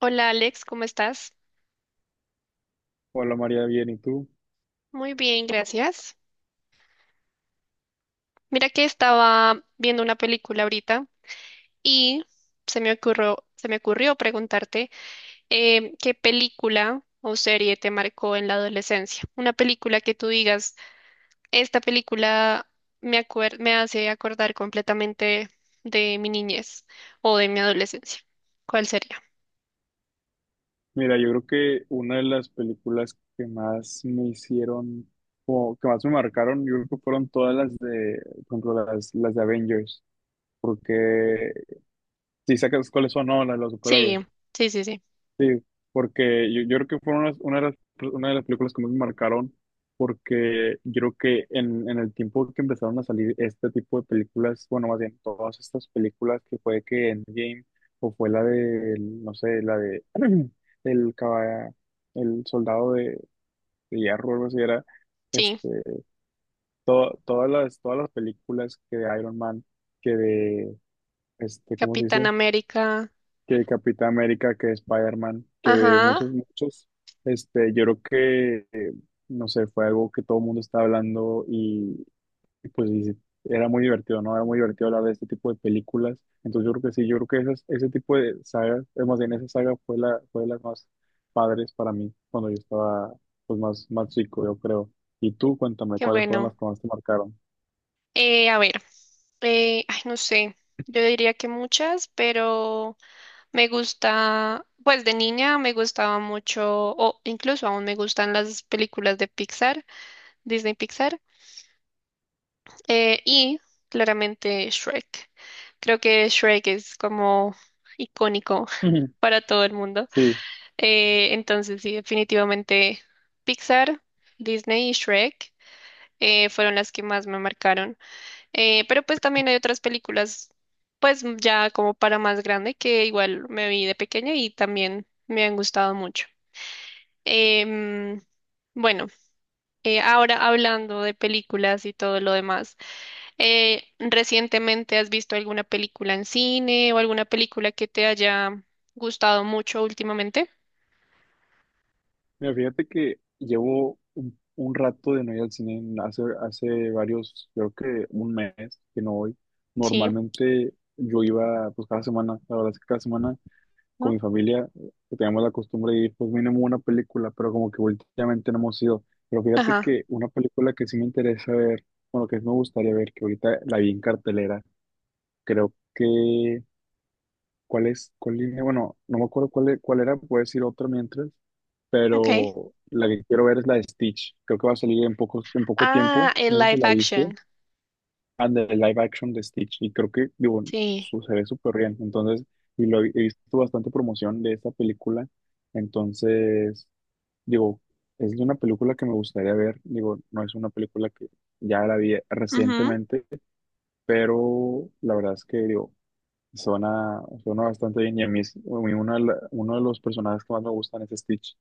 Hola Alex, ¿cómo estás? Hola María, bien, ¿y tú? Muy bien, gracias. Mira que estaba viendo una película ahorita y se me ocurrió preguntarte qué película o serie te marcó en la adolescencia. Una película que tú digas, esta película me hace acordar completamente de mi niñez o de mi adolescencia. ¿Cuál sería? Mira, yo creo que una de las películas que más me hicieron, o que más me marcaron, yo creo que fueron todas las de, por ejemplo, las de Avengers, porque si sacas cuáles son, no, las de los Sí, superhéroes. sí, sí, sí. Sí, porque yo creo que fueron las- una de las, una de las películas que más me marcaron, porque yo creo que en el tiempo que empezaron a salir este tipo de películas, bueno, más bien todas estas películas, que fue que Endgame, o fue la de, no sé, la de el caba- el soldado de hierro, algo así era, Sí, este, to- todas las películas que de Iron Man, que de, este, ¿cómo se Capitán dice? América. Que Capitán América, que Spider-Man, que Ajá, muchos, muchos, este, yo creo que, no sé, fue algo que todo el mundo estaba hablando y pues y era muy divertido, ¿no? Era muy divertido hablar de este tipo de películas. Entonces yo creo que sí, yo creo que esas- ese tipo de sagas, es más bien esa saga fue la, fue de las más padres para mí cuando yo estaba pues más, más chico, yo creo. Y tú, cuéntame, qué ¿cuáles fueron las bueno. que más te marcaron? A ver, ay, no sé, yo diría que muchas, pero me gusta, pues de niña me gustaba mucho, o incluso aún me gustan las películas de Pixar, Disney Pixar, y claramente Shrek. Creo que Shrek es como icónico para todo el mundo. Sí. Entonces, sí, definitivamente Pixar, Disney y Shrek fueron las que más me marcaron. Pero pues también hay otras películas, pues ya como para más grande, que igual me vi de pequeña y también me han gustado mucho. Em, bueno, ahora hablando de películas y todo lo demás, ¿recientemente has visto alguna película en cine o alguna película que te haya gustado mucho últimamente? Mira, fíjate que llevo un rato de no ir al cine, hace, hace varios, creo que un mes que no voy. Sí, Normalmente yo iba pues cada semana, la verdad es que cada semana con ¿no? mi familia teníamos la costumbre de ir pues mínimo una película, pero como que últimamente no hemos ido. Pero fíjate Ajá, que una película que sí me interesa ver, bueno, que sí me gustaría ver, que ahorita la vi en cartelera, creo que, ¿cuál es? ¿Cuál línea? Bueno, no me acuerdo cuál, e- cuál era, puedes decir otra mientras ok. pero la que quiero ver es la de Stitch. Creo que va a salir en poco tiempo, Ah, el no sé si live la viste, action, and the live action de Stitch, y creo que, digo, sí. su, se ve súper bien, entonces, y lo he visto bastante promoción de esta película, entonces, digo, es una película que me gustaría ver, digo, no es una película que ya la vi Ujú. recientemente, pero la verdad es que, digo, suena, suena bastante bien y a mí es- a mí una de la- uno de los personajes que más me gustan es Stitch.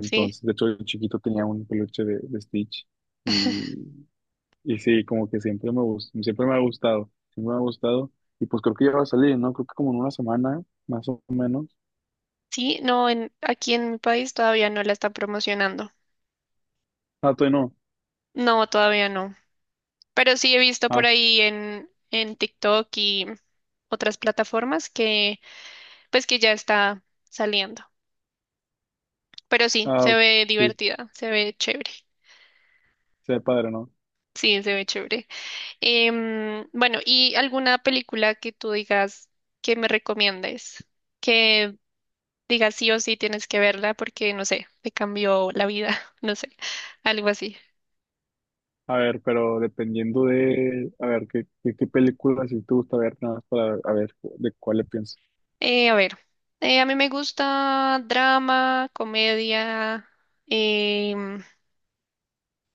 Sí. de hecho, de chiquito tenía un peluche de Stitch y, y sí, como que siempre me gust- siempre me ha gustado, siempre me ha gustado. Y pues creo que ya va a salir, ¿no? Creo que como en una semana, más o menos. Sí, no, en, aquí en mi país todavía no la están promocionando. Ah, todavía no. No, todavía no. Pero sí he visto por Ah, ahí en TikTok y otras plataformas que pues que ya está saliendo. Pero sí, ah, se ve sí, divertida, se ve chévere. se ve padre, ¿no? Sí, se ve chévere. Bueno, ¿y alguna película que tú digas que me recomiendes? Que digas sí o sí tienes que verla porque, no sé, te cambió la vida, no sé, algo así. A ver, pero dependiendo de, a ver, qué, qué, qué película si te gusta ver, nada más para a ver de cuál le pienso. A ver, a mí me gusta drama, comedia, em,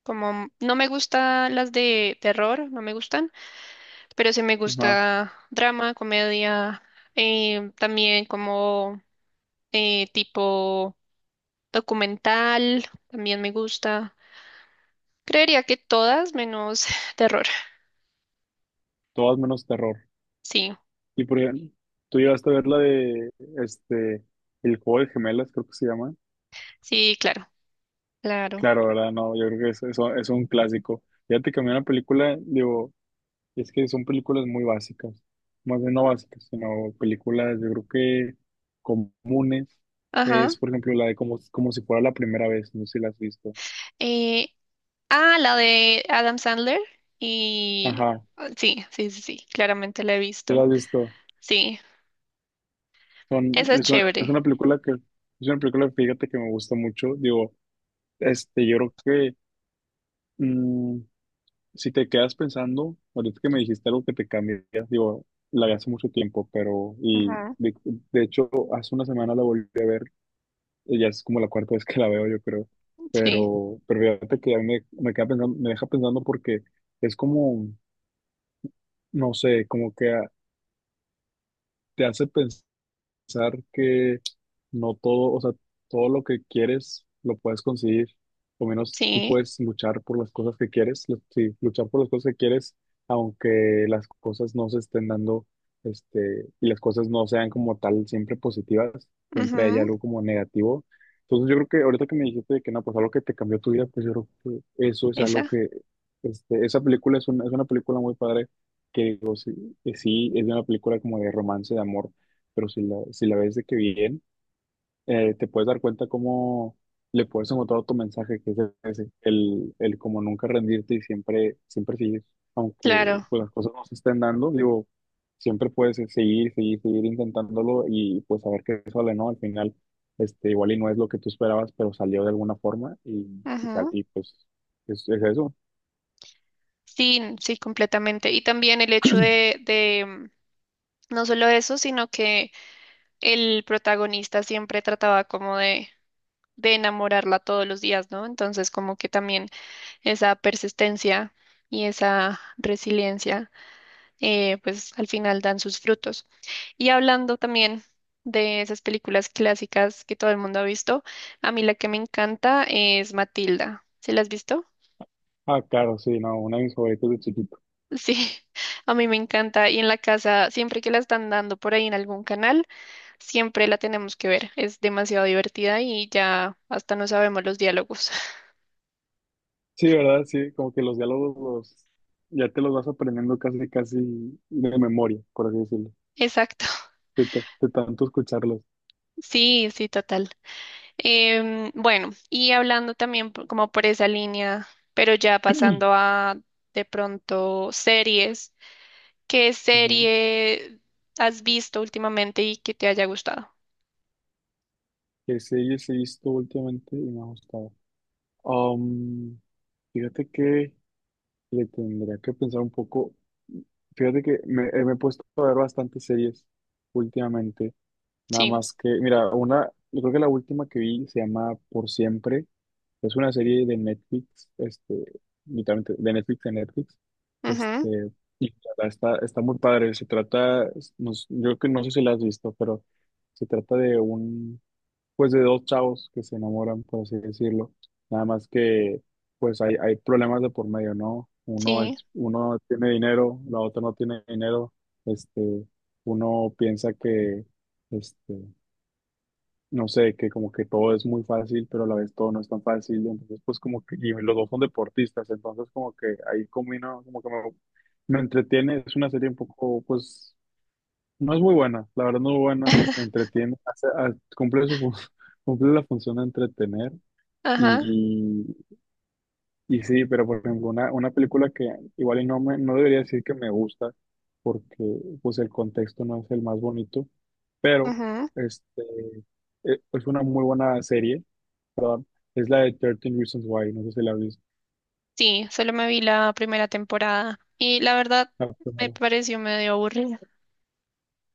como no me gustan las de terror, no me gustan, pero sí me Ajá, gusta drama, comedia, también como tipo documental, también me gusta. Creería que todas menos terror. todas menos terror. Sí, Y por ejemplo, tú llegaste a ver la de, este, El Juego de Gemelas, creo que se llama. sí, claro, claro. Claro, ¿verdad? No, yo creo que eso es un clásico. Fíjate que a mí una película, digo, es que son películas muy básicas, más bien no básicas, sino películas, yo creo que comunes. Ajá. Es, por ejemplo, la de como, como si fuera la primera vez, no sé si la has visto. Eh, Ah, la de Adam Sandler. Y Ajá, sí, sí, sí, sí, claramente la he ¿te la visto. has visto? Sí, Son, esa es es chévere. una película que, es una película, fíjate que me gusta mucho. Digo, este, yo creo que mm, si te quedas pensando, ahorita que me dijiste algo que te cambias, digo, la vi hace mucho tiempo, pero, y Ujú. De hecho, hace una semana la volví a ver, y ya es como la cuarta vez que la veo, yo creo, Sí, pero fíjate que a mí me, me queda pensando, me deja pensando porque es como, no sé, como que a- te hace pensar pensar que no todo, o sea, todo lo que quieres lo puedes conseguir, o menos tú sí. puedes luchar por las cosas que quieres, lu- sí, luchar por las cosas que quieres, aunque las cosas no se estén dando, este, y las cosas no sean como tal siempre positivas, siempre hay Ujú. algo como negativo. Entonces yo creo que ahorita que me dijiste de que no, pues algo que te cambió tu vida, pues yo creo que eso es algo Esa, que, este, esa película es una película muy padre, que digo, sí, que sí, es una película como de romance, de amor pero si la, si la ves de que bien, te puedes dar cuenta cómo le puedes encontrar otro mensaje que es ese, el como nunca rendirte y siempre, siempre seguir, aunque claro. pues, las cosas no se estén dando, digo, siempre puedes seguir, seguir, seguir intentándolo y pues saber que sale, ¿no? Al final, este, igual y no es lo que tú esperabas, pero salió de alguna forma y, sal- Ujú. y pues es eso. Sí, sí, completamente. Y también el hecho de, de no solo eso, sino que el protagonista siempre trataba como de enamorarla todos los días, ¿no? Entonces, como que también esa persistencia y esa resiliencia. Pues al final dan sus frutos. Y hablando también de esas películas clásicas que todo el mundo ha visto, a mí la que me encanta es Matilda. ¿Se la has visto? Ah, claro, sí, no, una de mis favoritas de chiquito. Sí, a mí me encanta. Y en la casa, siempre que la están dando por ahí en algún canal, siempre la tenemos que ver. Es demasiado divertida y ya hasta no sabemos los diálogos. Sí, ¿verdad? Sí, como que los diálogos los, ya te los vas aprendiendo casi, casi de memoria, por así decirlo, Exacto. de, ta- de tanto escucharlos. Sí, sí, total. Bueno, y hablando también como por esa línea, pero ya pasando a de pronto series, ¿qué Ujú. serie has visto últimamente y que te haya gustado? Que series he visto últimamente y me ha gustado. Um, Fíjate que le tendría que pensar un poco. Fíjate que me, me he puesto a ver bastantes series últimamente. Nada Sí, más que, mira, una, yo creo que la última que vi se llama Por Siempre. Es una serie de Netflix, este, literalmente de Netflix a Netflix. ujú, Este, y la verdad está, está muy padre. Se trata, no s- yo que no sé si la has visto, pero se trata de un, pues de dos chavos que se enamoran, por así decirlo. Nada más que, pues hay problemas de por medio, ¿no? Uno es, sí, uno tiene dinero, la otra no tiene dinero. Este, uno piensa que, este, no sé, que como que todo es muy fácil, pero a la vez todo no es tan fácil, entonces pues como que, y los dos son deportistas, entonces como que ahí combino, como que me entretiene, es una serie un poco, pues, no es muy buena, la verdad no es muy buena, entretiene, hace- ha- cumple su, fun- cumple la función de entretener, ajá, y, y sí, pero por ejemplo, una película que igual y no me, no debería decir que me gusta, porque pues el contexto no es el más bonito, pero, ujú, este, e- es una muy buena serie. Es la de 13 Reasons Why, no sé si la viste. sí, solo me vi la primera temporada y la verdad Ah, me primero. pareció medio aburrida.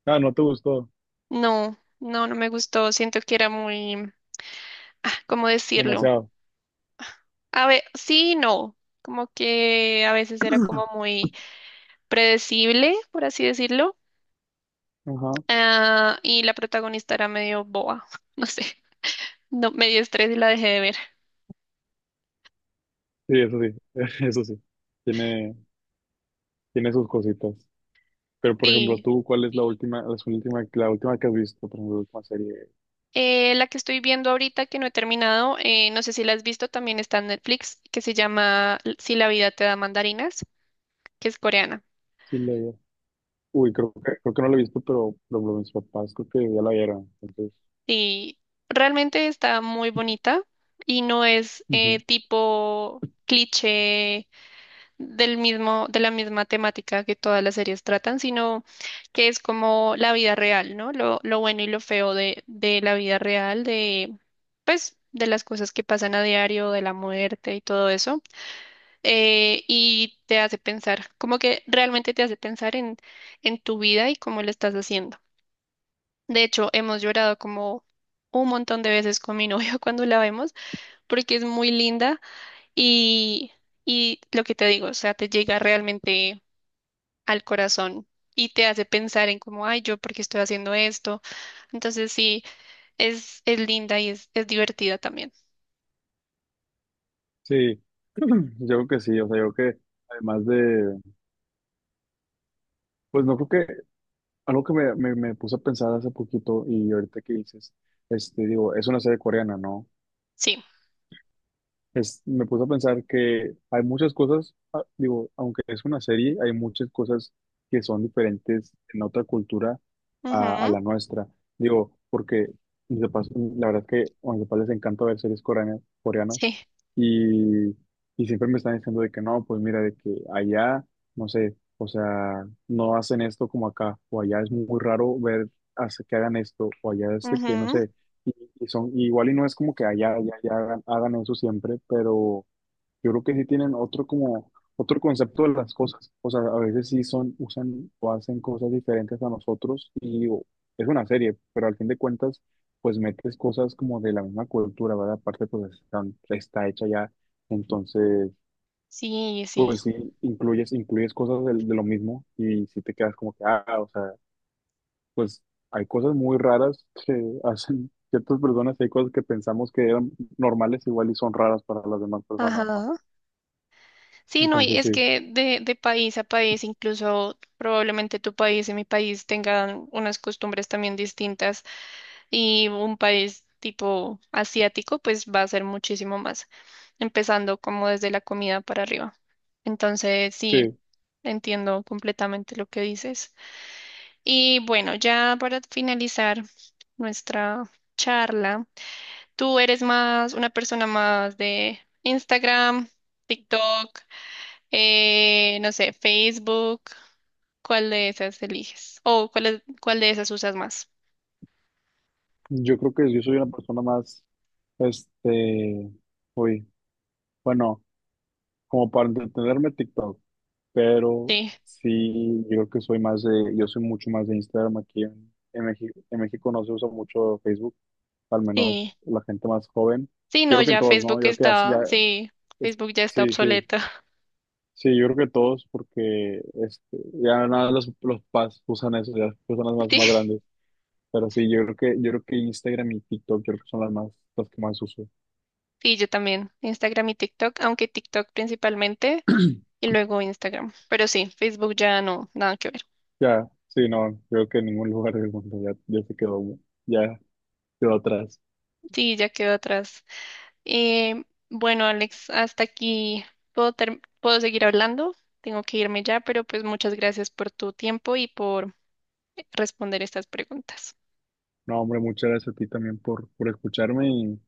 Ah, no te gustó No, no, no me gustó, siento que era muy, ah, ¿cómo decirlo? demasiado. A ver, sí, y no, como que a veces era como muy, predecible, por así decirlo, Ajá. ah, y la protagonista era medio boba, no sé, no, me dio estrés y la dejé de ver. Sí, eso sí, eso sí. Tiene, tiene sus cositas. Pero, por ejemplo, Sí. tú, ¿cuál es la última, la última, la última que has visto? Por ejemplo, la última serie. La que estoy viendo ahorita que no he terminado, no sé si la has visto, también está en Netflix, que se llama Si la vida te da mandarinas, que es coreana. Sí, la- Uy, creo que no la he visto, pero, por ejemplo, mis papás creo que ya la vieron. Entonces, Y realmente está muy bonita y no es ujú. tipo cliché del mismo, de la misma temática que todas las series tratan, sino que es como la vida real, ¿no? Lo bueno y lo feo de la vida real, de, pues, de las cosas que pasan a diario, de la muerte y todo eso. Y te hace pensar, como que realmente te hace pensar en tu vida y cómo lo estás haciendo. De hecho, hemos llorado como un montón de veces con mi novio cuando la vemos, porque es muy linda y, y lo que te digo, o sea, te llega realmente al corazón y te hace pensar en como, ay, yo, ¿por qué estoy haciendo esto? Entonces sí, es linda y es divertida también. Sí, yo creo que sí. O sea, yo creo que además de, pues no creo que, algo que me puse a pensar hace poquito y ahorita que dices, este, digo, es una serie coreana, ¿no? Sí. Es, me puse a pensar que hay muchas cosas, ah, digo, aunque es una serie, hay muchas cosas que son diferentes en otra cultura a Ujú. la nuestra. Digo, porque mis papás, la verdad es que a mis papás les encanta ver series coreanas, coreanas Sí. y, y siempre me están diciendo de que no, pues mira, de que allá, no sé, o sea, no hacen esto como acá, o allá es muy raro ver hace- que hagan esto, o allá es de que, no Ujú. sé, y, y son, y igual y no es como que allá, allá, allá hagan, hagan eso siempre, pero yo creo que sí tienen otro como otro concepto de las cosas. O sea, a veces sí son, usan o hacen cosas diferentes a nosotros y digo, es una serie, pero al fin de cuentas, pues metes cosas como de la misma cultura, ¿verdad? Aparte, pues están- está hecha ya. Entonces, Sí, sí. pues sí, incluyes, incluyes cosas del- de, lo mismo y si te quedas como que, ah, o sea, pues hay cosas muy raras que hacen ciertas personas y hay cosas que pensamos que eran normales igual y son raras para las demás personas, ¿no? Ajá. Sí, no, y Entonces, es sí. que de país a país, incluso probablemente tu país y mi país tengan unas costumbres también distintas y un país tipo asiático, pues va a ser muchísimo más, empezando como desde la comida para arriba. Entonces, sí. Sí, Entiendo completamente lo que dices. Y bueno, ya para finalizar nuestra charla, ¿tú eres más una persona más de Instagram, TikTok, no sé, Facebook? ¿Cuál de esas eliges? ¿O cuál, cuál de esas usas más? yo creo que yo soy una persona más, este, uy, bueno, como para entretenerme TikTok, pero Sí, sí, yo creo que soy más de, yo soy mucho más de Instagram aquí en México. En México no se usa mucho Facebook, al sí. menos la gente más joven. Sí, Yo no, creo que en ya todos, ¿no? Facebook Yo creo que así está, ya, sí, es- Facebook ya está sí, sí, obsoleta. sí, yo creo que todos, porque este, ya nada, los papás usan eso, ya las personas más, más Sí, grandes. Pero sí, yo creo que Instagram y TikTok, yo creo que son las más, las que más uso. sí, yo también. Instagram y TikTok, aunque TikTok principalmente. Y luego Instagram. Pero sí, Facebook ya no, nada que ver. Ya, sí, no, creo que en ningún lugar del mundo ya, ya se quedó, ya quedó atrás. Sí, ya quedó atrás. Eh, bueno, Alex, hasta aquí puedo, puedo seguir hablando. Tengo que irme ya, pero pues muchas gracias por tu tiempo y por responder estas preguntas. No, hombre, muchas gracias a ti también por escucharme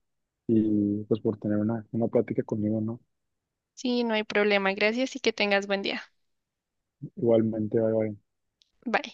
y pues por tener una plática conmigo, ¿no? Sí, no hay problema. Gracias y que tengas buen día. Igualmente, bye, bye. Bye.